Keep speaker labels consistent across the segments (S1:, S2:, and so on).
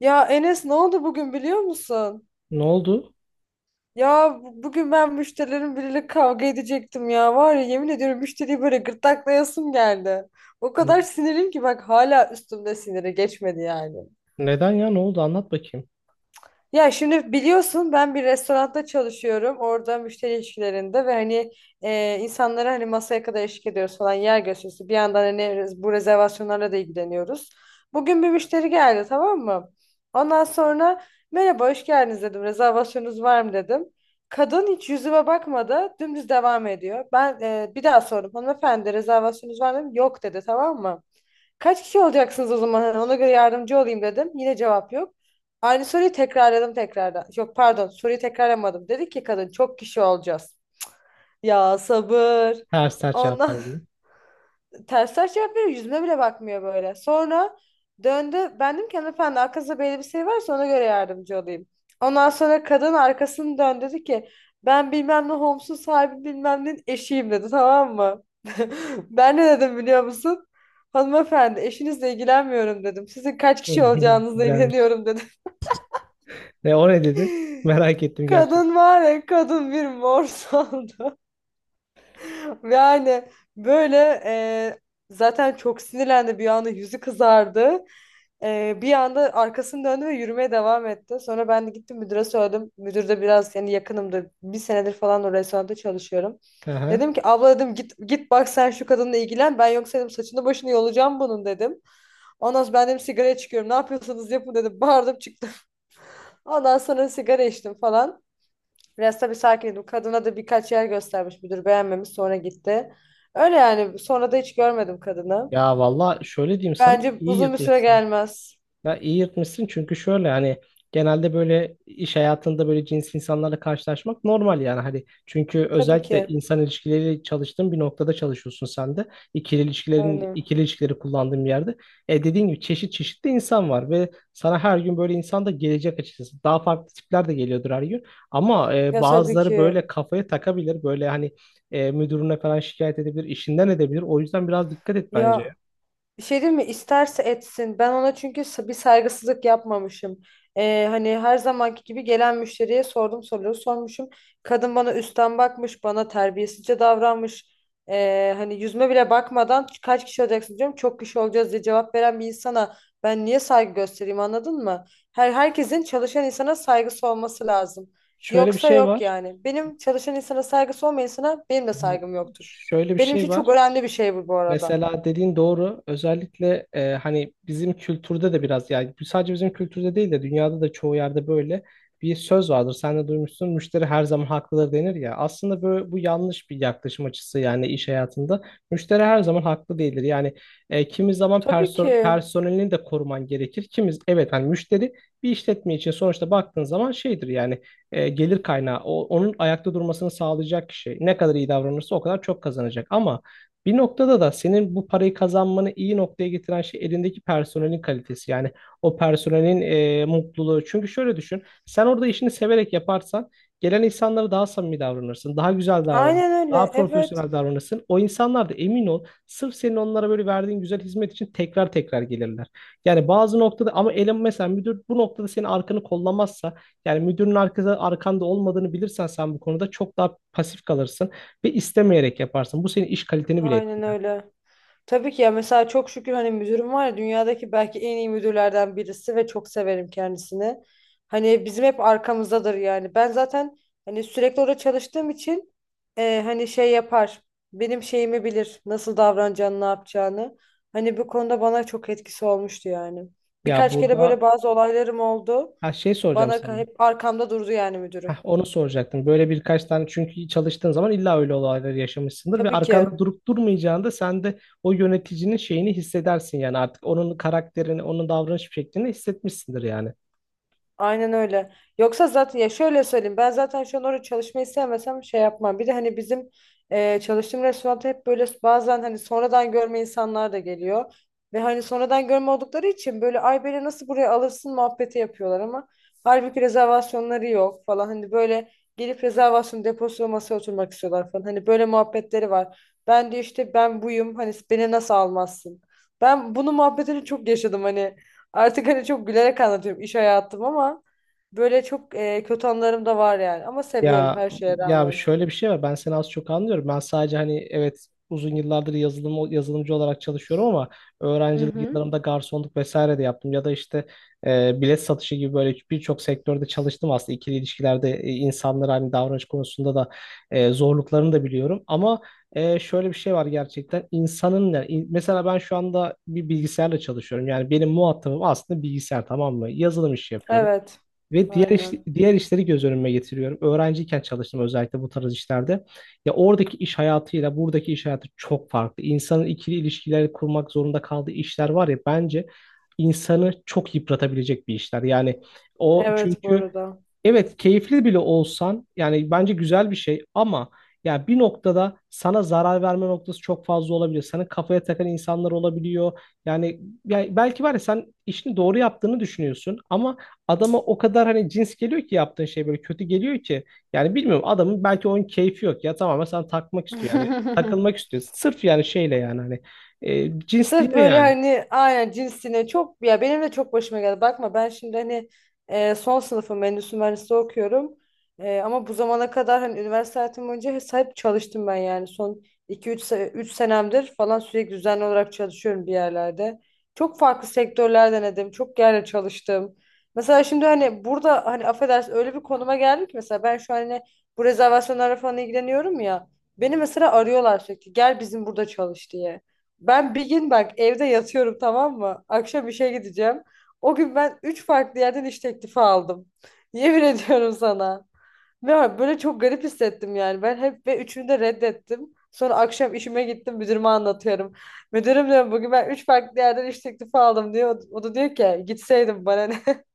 S1: Ya Enes ne oldu bugün biliyor musun?
S2: Ne oldu?
S1: Ya bu- bugün ben müşterilerin biriyle kavga edecektim ya. Var ya yemin ediyorum müşteriyi böyle gırtlaklayasım geldi. O kadar
S2: N-
S1: sinirim ki bak hala üstümde siniri geçmedi yani.
S2: Neden ya? Ne oldu? Anlat bakayım.
S1: Ya şimdi biliyorsun ben bir restoranda çalışıyorum. Orada müşteri ilişkilerinde ve hani insanlara hani masaya kadar eşlik ediyoruz falan yer gösterisi. Bir yandan hani bu rezervasyonlarla da ilgileniyoruz. Bugün bir müşteri geldi, tamam mı? Ondan sonra merhaba, hoş geldiniz dedim. Rezervasyonunuz var mı dedim. Kadın hiç yüzüme bakmadı. Dümdüz devam ediyor. Ben bir daha sordum. Hanımefendi, rezervasyonunuz var mı? Dedim. Yok dedi, tamam mı? Kaç kişi olacaksınız o zaman? Hani ona göre yardımcı olayım dedim. Yine cevap yok. Aynı soruyu tekrarladım tekrardan. Yok, pardon, soruyu tekrarlamadım. Dedi ki kadın çok kişi olacağız. Ya sabır.
S2: Ters ters cevaplar
S1: Ondan
S2: veriyor.
S1: ters taş yapıyor. Yüzüme bile bakmıyor böyle. Sonra döndü. Ben dedim ki hanımefendi, arkasında böyle bir şey varsa ona göre yardımcı olayım. Ondan sonra kadın arkasını döndü, dedi ki ben bilmem ne Homes'un sahibi bilmem ne eşiyim dedi, tamam mı? Ben ne dedim biliyor musun? Hanımefendi, eşinizle ilgilenmiyorum dedim. Sizin kaç kişi olacağınızla
S2: Güzelmiş.
S1: ilgileniyorum dedim.
S2: Ne o ne dedi? Merak ettim
S1: Kadın
S2: gerçekten.
S1: var ya, kadın bir mor saldı. Yani böyle e, zaten çok sinirlendi, bir anda yüzü kızardı. Bir anda arkasını döndü ve yürümeye devam etti. Sonra ben de gittim müdüre söyledim. Müdür de biraz yani yakınımdı. Bir senedir falan o restoranda çalışıyorum.
S2: Aha.
S1: Dedim ki abla, dedim, git git bak sen şu kadınla ilgilen. Ben yoksa dedim saçını başını yolacağım bunun dedim. Ondan sonra ben dedim sigaraya çıkıyorum. Ne yapıyorsanız yapın dedim. Bağırdım, çıktım. Ondan sonra sigara içtim falan. Biraz tabii sakin idim. Kadına da birkaç yer göstermiş müdür, beğenmemiş, sonra gitti. Öyle yani, sonra da hiç görmedim kadını.
S2: Ya valla şöyle diyeyim sana
S1: Bence
S2: iyi
S1: uzun bir süre
S2: yatmışsın.
S1: gelmez.
S2: Ya iyi yırtmışsın çünkü şöyle hani genelde böyle iş hayatında böyle cins insanlarla karşılaşmak normal yani hani çünkü
S1: Tabii
S2: özellikle
S1: ki.
S2: insan ilişkileri çalıştığın bir noktada çalışıyorsun sen de ikili ilişkilerin
S1: Aynen.
S2: ikili ilişkileri kullandığın bir yerde e dediğin gibi çeşit çeşitli insan var ve sana her gün böyle insan da gelecek açıkçası daha farklı tipler de geliyordur her gün ama
S1: Ya tabii
S2: bazıları
S1: ki.
S2: böyle kafaya takabilir böyle hani müdürüne falan şikayet edebilir işinden edebilir o yüzden biraz dikkat et bence.
S1: Ya, bir şey diyeyim mi? İsterse etsin. Ben ona çünkü bir saygısızlık yapmamışım. Hani her zamanki gibi gelen müşteriye sordum, soruları sormuşum. Kadın bana üstten bakmış, bana terbiyesizce davranmış. Hani yüzüme bile bakmadan kaç kişi olacaksın diyorum. Çok kişi olacağız diye cevap veren bir insana ben niye saygı göstereyim, anladın mı? Herkesin çalışan insana saygısı olması lazım.
S2: Şöyle bir
S1: Yoksa
S2: şey
S1: yok
S2: var.
S1: yani. Benim çalışan insana saygısı olmayan insana benim de
S2: Hı.
S1: saygım yoktur.
S2: Şöyle bir
S1: Benim
S2: şey
S1: için çok
S2: var.
S1: önemli bir şey bu arada.
S2: Mesela dediğin doğru. Özellikle hani bizim kültürde de biraz yani sadece bizim kültürde değil de dünyada da çoğu yerde böyle bir söz vardır. Sen de duymuşsun. Müşteri her zaman haklıdır denir ya. Aslında böyle, bu yanlış bir yaklaşım açısı yani iş hayatında. Müşteri her zaman haklı değildir. Yani kimi zaman
S1: Tabii ki.
S2: personelini de koruman gerekir. Kimiz evet hani müşteri bir işletme için sonuçta baktığın zaman şeydir yani gelir kaynağı. O, onun ayakta durmasını sağlayacak kişi. Ne kadar iyi davranırsa o kadar çok kazanacak. Ama bir noktada da senin bu parayı kazanmanı iyi noktaya getiren şey elindeki personelin kalitesi. Yani o personelin mutluluğu. Çünkü şöyle düşün, sen orada işini severek yaparsan gelen insanlara daha samimi davranırsın, daha güzel davranırsın,
S1: Aynen
S2: daha
S1: öyle. Evet.
S2: profesyonel davranırsın. O insanlar da emin ol, sırf senin onlara böyle verdiğin güzel hizmet için tekrar tekrar gelirler. Yani bazı noktada ama elin mesela müdür bu noktada senin arkanı kollamazsa, yani müdürün arkanda olmadığını bilirsen sen bu konuda çok daha pasif kalırsın ve istemeyerek yaparsın. Bu senin iş kaliteni bile
S1: Aynen
S2: etkiler.
S1: öyle. Tabii ki ya, mesela çok şükür hani müdürüm var ya, dünyadaki belki en iyi müdürlerden birisi ve çok severim kendisini. Hani bizim hep arkamızdadır yani. Ben zaten hani sürekli orada çalıştığım için hani şey yapar. Benim şeyimi bilir. Nasıl davranacağını, ne yapacağını. Hani bu konuda bana çok etkisi olmuştu yani.
S2: Ya
S1: Birkaç kere böyle
S2: burada
S1: bazı olaylarım oldu.
S2: ha, şey soracağım
S1: Bana
S2: sana.
S1: hep arkamda durdu yani
S2: Heh,
S1: müdürüm.
S2: onu soracaktım. Böyle birkaç tane çünkü çalıştığın zaman illa öyle olayları yaşamışsındır ve
S1: Tabii ki.
S2: arkanda durup durmayacağında sen de o yöneticinin şeyini hissedersin yani artık onun karakterini, onun davranış şeklini hissetmişsindir yani.
S1: Aynen öyle. Yoksa zaten ya şöyle söyleyeyim, ben zaten şu an orada çalışmayı sevmesem şey yapmam. Bir de hani bizim çalıştığım restoranda hep böyle bazen hani sonradan görme insanlar da geliyor. Ve hani sonradan görme oldukları için böyle ay beni nasıl buraya alırsın muhabbeti yapıyorlar ama halbuki rezervasyonları yok falan. Hani böyle gelip rezervasyon deposuyla masaya oturmak istiyorlar falan. Hani böyle muhabbetleri var. Ben de işte ben buyum hani, beni nasıl almazsın? Ben bunu muhabbetini çok yaşadım hani. Artık hani çok gülerek anlatıyorum iş hayatım ama böyle çok kötü anlarım da var yani. Ama seviyorum
S2: Ya
S1: her şeye
S2: ya
S1: rağmen.
S2: şöyle bir şey var. Ben seni az çok anlıyorum. Ben sadece hani evet uzun yıllardır yazılımcı olarak çalışıyorum ama
S1: Hı
S2: öğrencilik
S1: hı.
S2: yıllarımda garsonluk vesaire de yaptım ya da işte bilet satışı gibi böyle birçok sektörde çalıştım aslında. İkili ilişkilerde insanlara hani davranış konusunda da zorluklarını da biliyorum ama şöyle bir şey var gerçekten insanın yani mesela ben şu anda bir bilgisayarla çalışıyorum yani benim muhatabım aslında bilgisayar, tamam mı? Yazılım işi yapıyorum.
S1: Evet.
S2: Ve
S1: Aynen.
S2: diğer işleri göz önüme getiriyorum. Öğrenciyken çalıştım özellikle bu tarz işlerde. Ya oradaki iş hayatıyla buradaki iş hayatı çok farklı. İnsanın ikili ilişkileri kurmak zorunda kaldığı işler var ya bence insanı çok yıpratabilecek bir işler. Yani o
S1: Evet, bu
S2: çünkü
S1: arada.
S2: evet keyifli bile olsan yani bence güzel bir şey ama ya bir noktada sana zarar verme noktası çok fazla olabiliyor. Sana kafaya takan insanlar olabiliyor. Yani, ya belki var ya sen işini doğru yaptığını düşünüyorsun ama adama o kadar hani cins geliyor ki yaptığın şey böyle kötü geliyor ki. Yani bilmiyorum adamın belki onun keyfi yok ya tamamen sana takmak istiyor yani takılmak istiyor. Sırf yani şeyle yani hani cins değil
S1: Sırf böyle
S2: yani.
S1: hani aynen cinsine çok, ya benim de çok başıma geldi. Bakma, ben şimdi hani son sınıfım, endüstri mühendisliği okuyorum. E, ama bu zamana kadar hani üniversite hayatım boyunca hep çalıştım ben yani. Son 2-3 3 senemdir falan sürekli düzenli olarak çalışıyorum bir yerlerde. Çok farklı sektörler denedim. Çok yerle çalıştım. Mesela şimdi hani burada hani affedersin öyle bir konuma geldik ki mesela ben şu an hani bu rezervasyonlarla falan ilgileniyorum ya. Beni mesela arıyorlar sürekli gel bizim burada çalış diye. Ben bir gün bak evde yatıyorum, tamam mı? Akşam işe gideceğim. O gün ben üç farklı yerden iş teklifi aldım. Yemin ediyorum sana. Ve böyle çok garip hissettim yani. Ben hep ve üçünü de reddettim. Sonra akşam işime gittim, müdürüme anlatıyorum. Müdürüm diyor bugün ben üç farklı yerden iş teklifi aldım diyor. O da diyor ki gitseydim bana ne.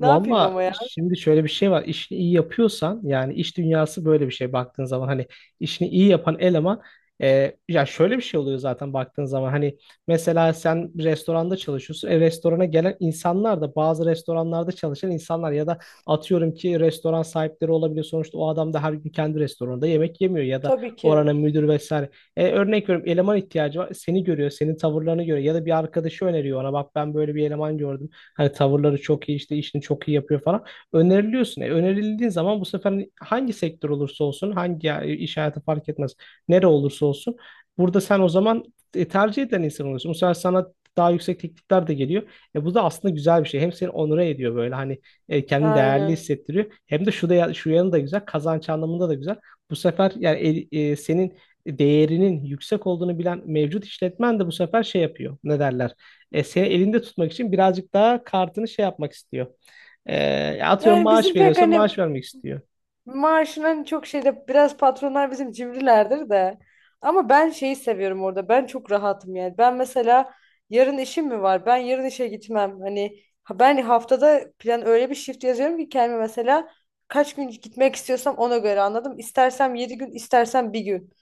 S1: Ne yapayım ama
S2: Valla
S1: ya.
S2: şimdi şöyle bir şey var. İşini iyi yapıyorsan yani iş dünyası böyle bir şey baktığın zaman hani işini iyi yapan eleman ya şöyle bir şey oluyor zaten baktığın zaman hani mesela sen restoranda çalışıyorsun. E, restorana gelen insanlar da bazı restoranlarda çalışan insanlar ya da atıyorum ki restoran sahipleri olabiliyor. Sonuçta o adam da her gün kendi restoranında yemek yemiyor ya da
S1: Tabii ki.
S2: oranın müdür vesaire. E, örnek veriyorum eleman ihtiyacı var. Seni görüyor, senin tavırlarını görüyor ya da bir arkadaşı öneriyor ona bak ben böyle bir eleman gördüm. Hani tavırları çok iyi işte işini çok iyi yapıyor falan. Öneriliyorsun. E, önerildiğin zaman bu sefer hangi sektör olursa olsun hangi iş hayatı fark etmez. Nere olursa olsun. Burada sen o zaman tercih eden insan oluyorsun. Bu sefer sana daha yüksek teklifler de geliyor. E, bu da aslında güzel bir şey. Hem seni onure ediyor böyle hani kendini değerli
S1: Aynen.
S2: hissettiriyor. Hem de şu yanı da güzel. Kazanç anlamında da güzel. Bu sefer yani senin değerinin yüksek olduğunu bilen mevcut işletmen de bu sefer şey yapıyor. Ne derler? E, seni elinde tutmak için birazcık daha kartını şey yapmak istiyor. E, atıyorum
S1: Yani
S2: maaş
S1: bizim pek
S2: veriyorsa
S1: hani
S2: maaş vermek istiyor.
S1: maaşının çok şeyde, biraz patronlar bizim cimrilerdir de. Ama ben şeyi seviyorum orada. Ben çok rahatım yani. Ben mesela yarın işim mi var? Ben yarın işe gitmem. Hani ben haftada plan öyle bir shift yazıyorum ki kendime, mesela kaç gün gitmek istiyorsam ona göre, anladım. İstersem 7 gün, istersem bir gün.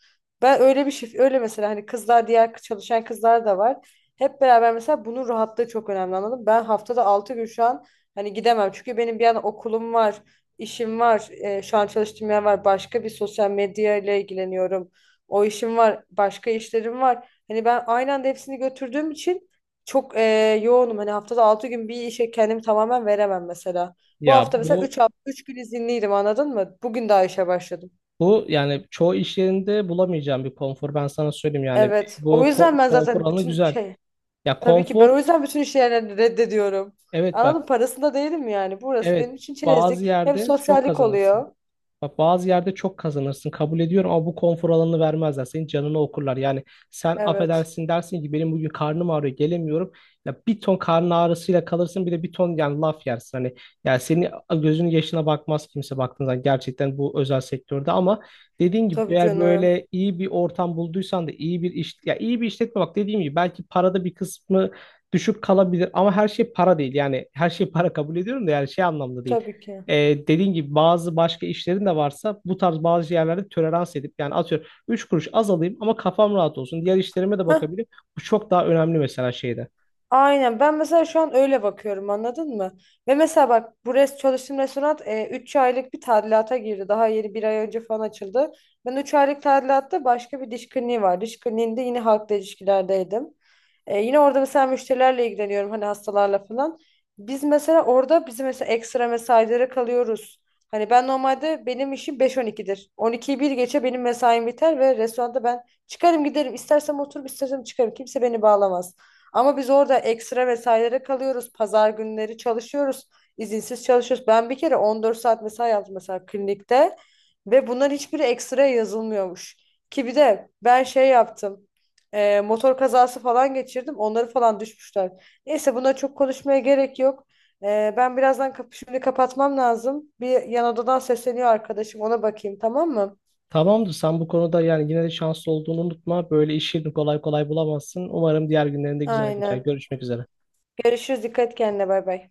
S1: Ben öyle bir shift öyle mesela hani kızlar, diğer çalışan kızlar da var. Hep beraber mesela bunun rahatlığı çok önemli, anladım. Ben haftada 6 gün şu an hani gidemem. Çünkü benim bir yana okulum var. İşim var. Şu an çalıştığım yer var. Başka bir sosyal medya ile ilgileniyorum. O işim var. Başka işlerim var. Hani ben aynı anda hepsini götürdüğüm için çok yoğunum. Hani haftada 6 gün bir işe kendimi tamamen veremem mesela. Bu
S2: Ya
S1: hafta mesela
S2: bu
S1: 3 hafta, 3 gün izinliydim, anladın mı? Bugün daha işe başladım.
S2: bu yani çoğu iş yerinde bulamayacağım bir konfor. Ben sana söyleyeyim yani
S1: Evet.
S2: bu
S1: O yüzden ben
S2: konfor
S1: zaten
S2: alanı
S1: bütün
S2: güzel.
S1: şey,
S2: Ya
S1: tabii ki ben
S2: konfor
S1: o yüzden bütün işlerini reddediyorum.
S2: evet bak
S1: Anladın, parasında değilim yani. Burası
S2: evet
S1: benim için
S2: bazı
S1: çerezlik. Hem
S2: yerde çok
S1: sosyallik
S2: kazanırsın.
S1: oluyor.
S2: Bak bazı yerde çok kazanırsın, kabul ediyorum ama bu konfor alanını vermezler. Senin canını okurlar. Yani sen
S1: Evet.
S2: affedersin dersin ki benim bugün karnım ağrıyor gelemiyorum. Ya bir ton karın ağrısıyla kalırsın bir de bir ton yani laf yersin. Hani yani senin gözünün yaşına bakmaz kimse baktığında gerçekten bu özel sektörde ama dediğin gibi
S1: Tabii
S2: eğer
S1: canım.
S2: böyle iyi bir ortam bulduysan da iyi bir iş ya iyi bir işletme, bak dediğim gibi belki parada bir kısmı düşük kalabilir ama her şey para değil. Yani her şey para kabul ediyorum da yani şey anlamda değil.
S1: Tabii ki.
S2: E, dediğin gibi bazı başka işlerin de varsa bu tarz bazı yerlerde tolerans edip yani atıyorum 3 kuruş az alayım ama kafam rahat olsun. Diğer işlerime de
S1: Heh,
S2: bakabilirim. Bu çok daha önemli mesela şeyde.
S1: aynen. Ben mesela şu an öyle bakıyorum, anladın mı? Ve mesela bak bu çalıştığım restoran 3 aylık bir tadilata girdi. Daha yeni 1 ay önce falan açıldı. Ben 3 aylık tadilatta başka bir diş kliniği var. Diş kliniğinde yine halkla ilişkilerdeydim. E, yine orada mesela müşterilerle ilgileniyorum hani hastalarla falan. Biz mesela orada bizim mesela ekstra mesailere kalıyoruz. Hani ben normalde benim işim 5 On 12'yi bir geçe benim mesaim biter ve restoranda ben çıkarım giderim. İstersem oturup istersem çıkarım. Kimse beni bağlamaz. Ama biz orada ekstra vesairelere kalıyoruz. Pazar günleri çalışıyoruz. İzinsiz çalışıyoruz. Ben bir kere 14 saat mesai yaptım mesela klinikte ve bunların hiçbiri ekstra yazılmıyormuş. Ki bir de ben şey yaptım. Motor kazası falan geçirdim. Onları falan düşmüşler. Neyse, buna çok konuşmaya gerek yok. Ben birazdan kapı şimdi kapatmam lazım. Bir yan odadan sesleniyor arkadaşım. Ona bakayım, tamam mı?
S2: Tamamdır, sen bu konuda yani yine de şanslı olduğunu unutma. Böyle işini kolay kolay bulamazsın. Umarım diğer günlerinde güzel geçer.
S1: Aynen.
S2: Görüşmek üzere.
S1: Görüşürüz. Dikkat et kendine. Bay bay.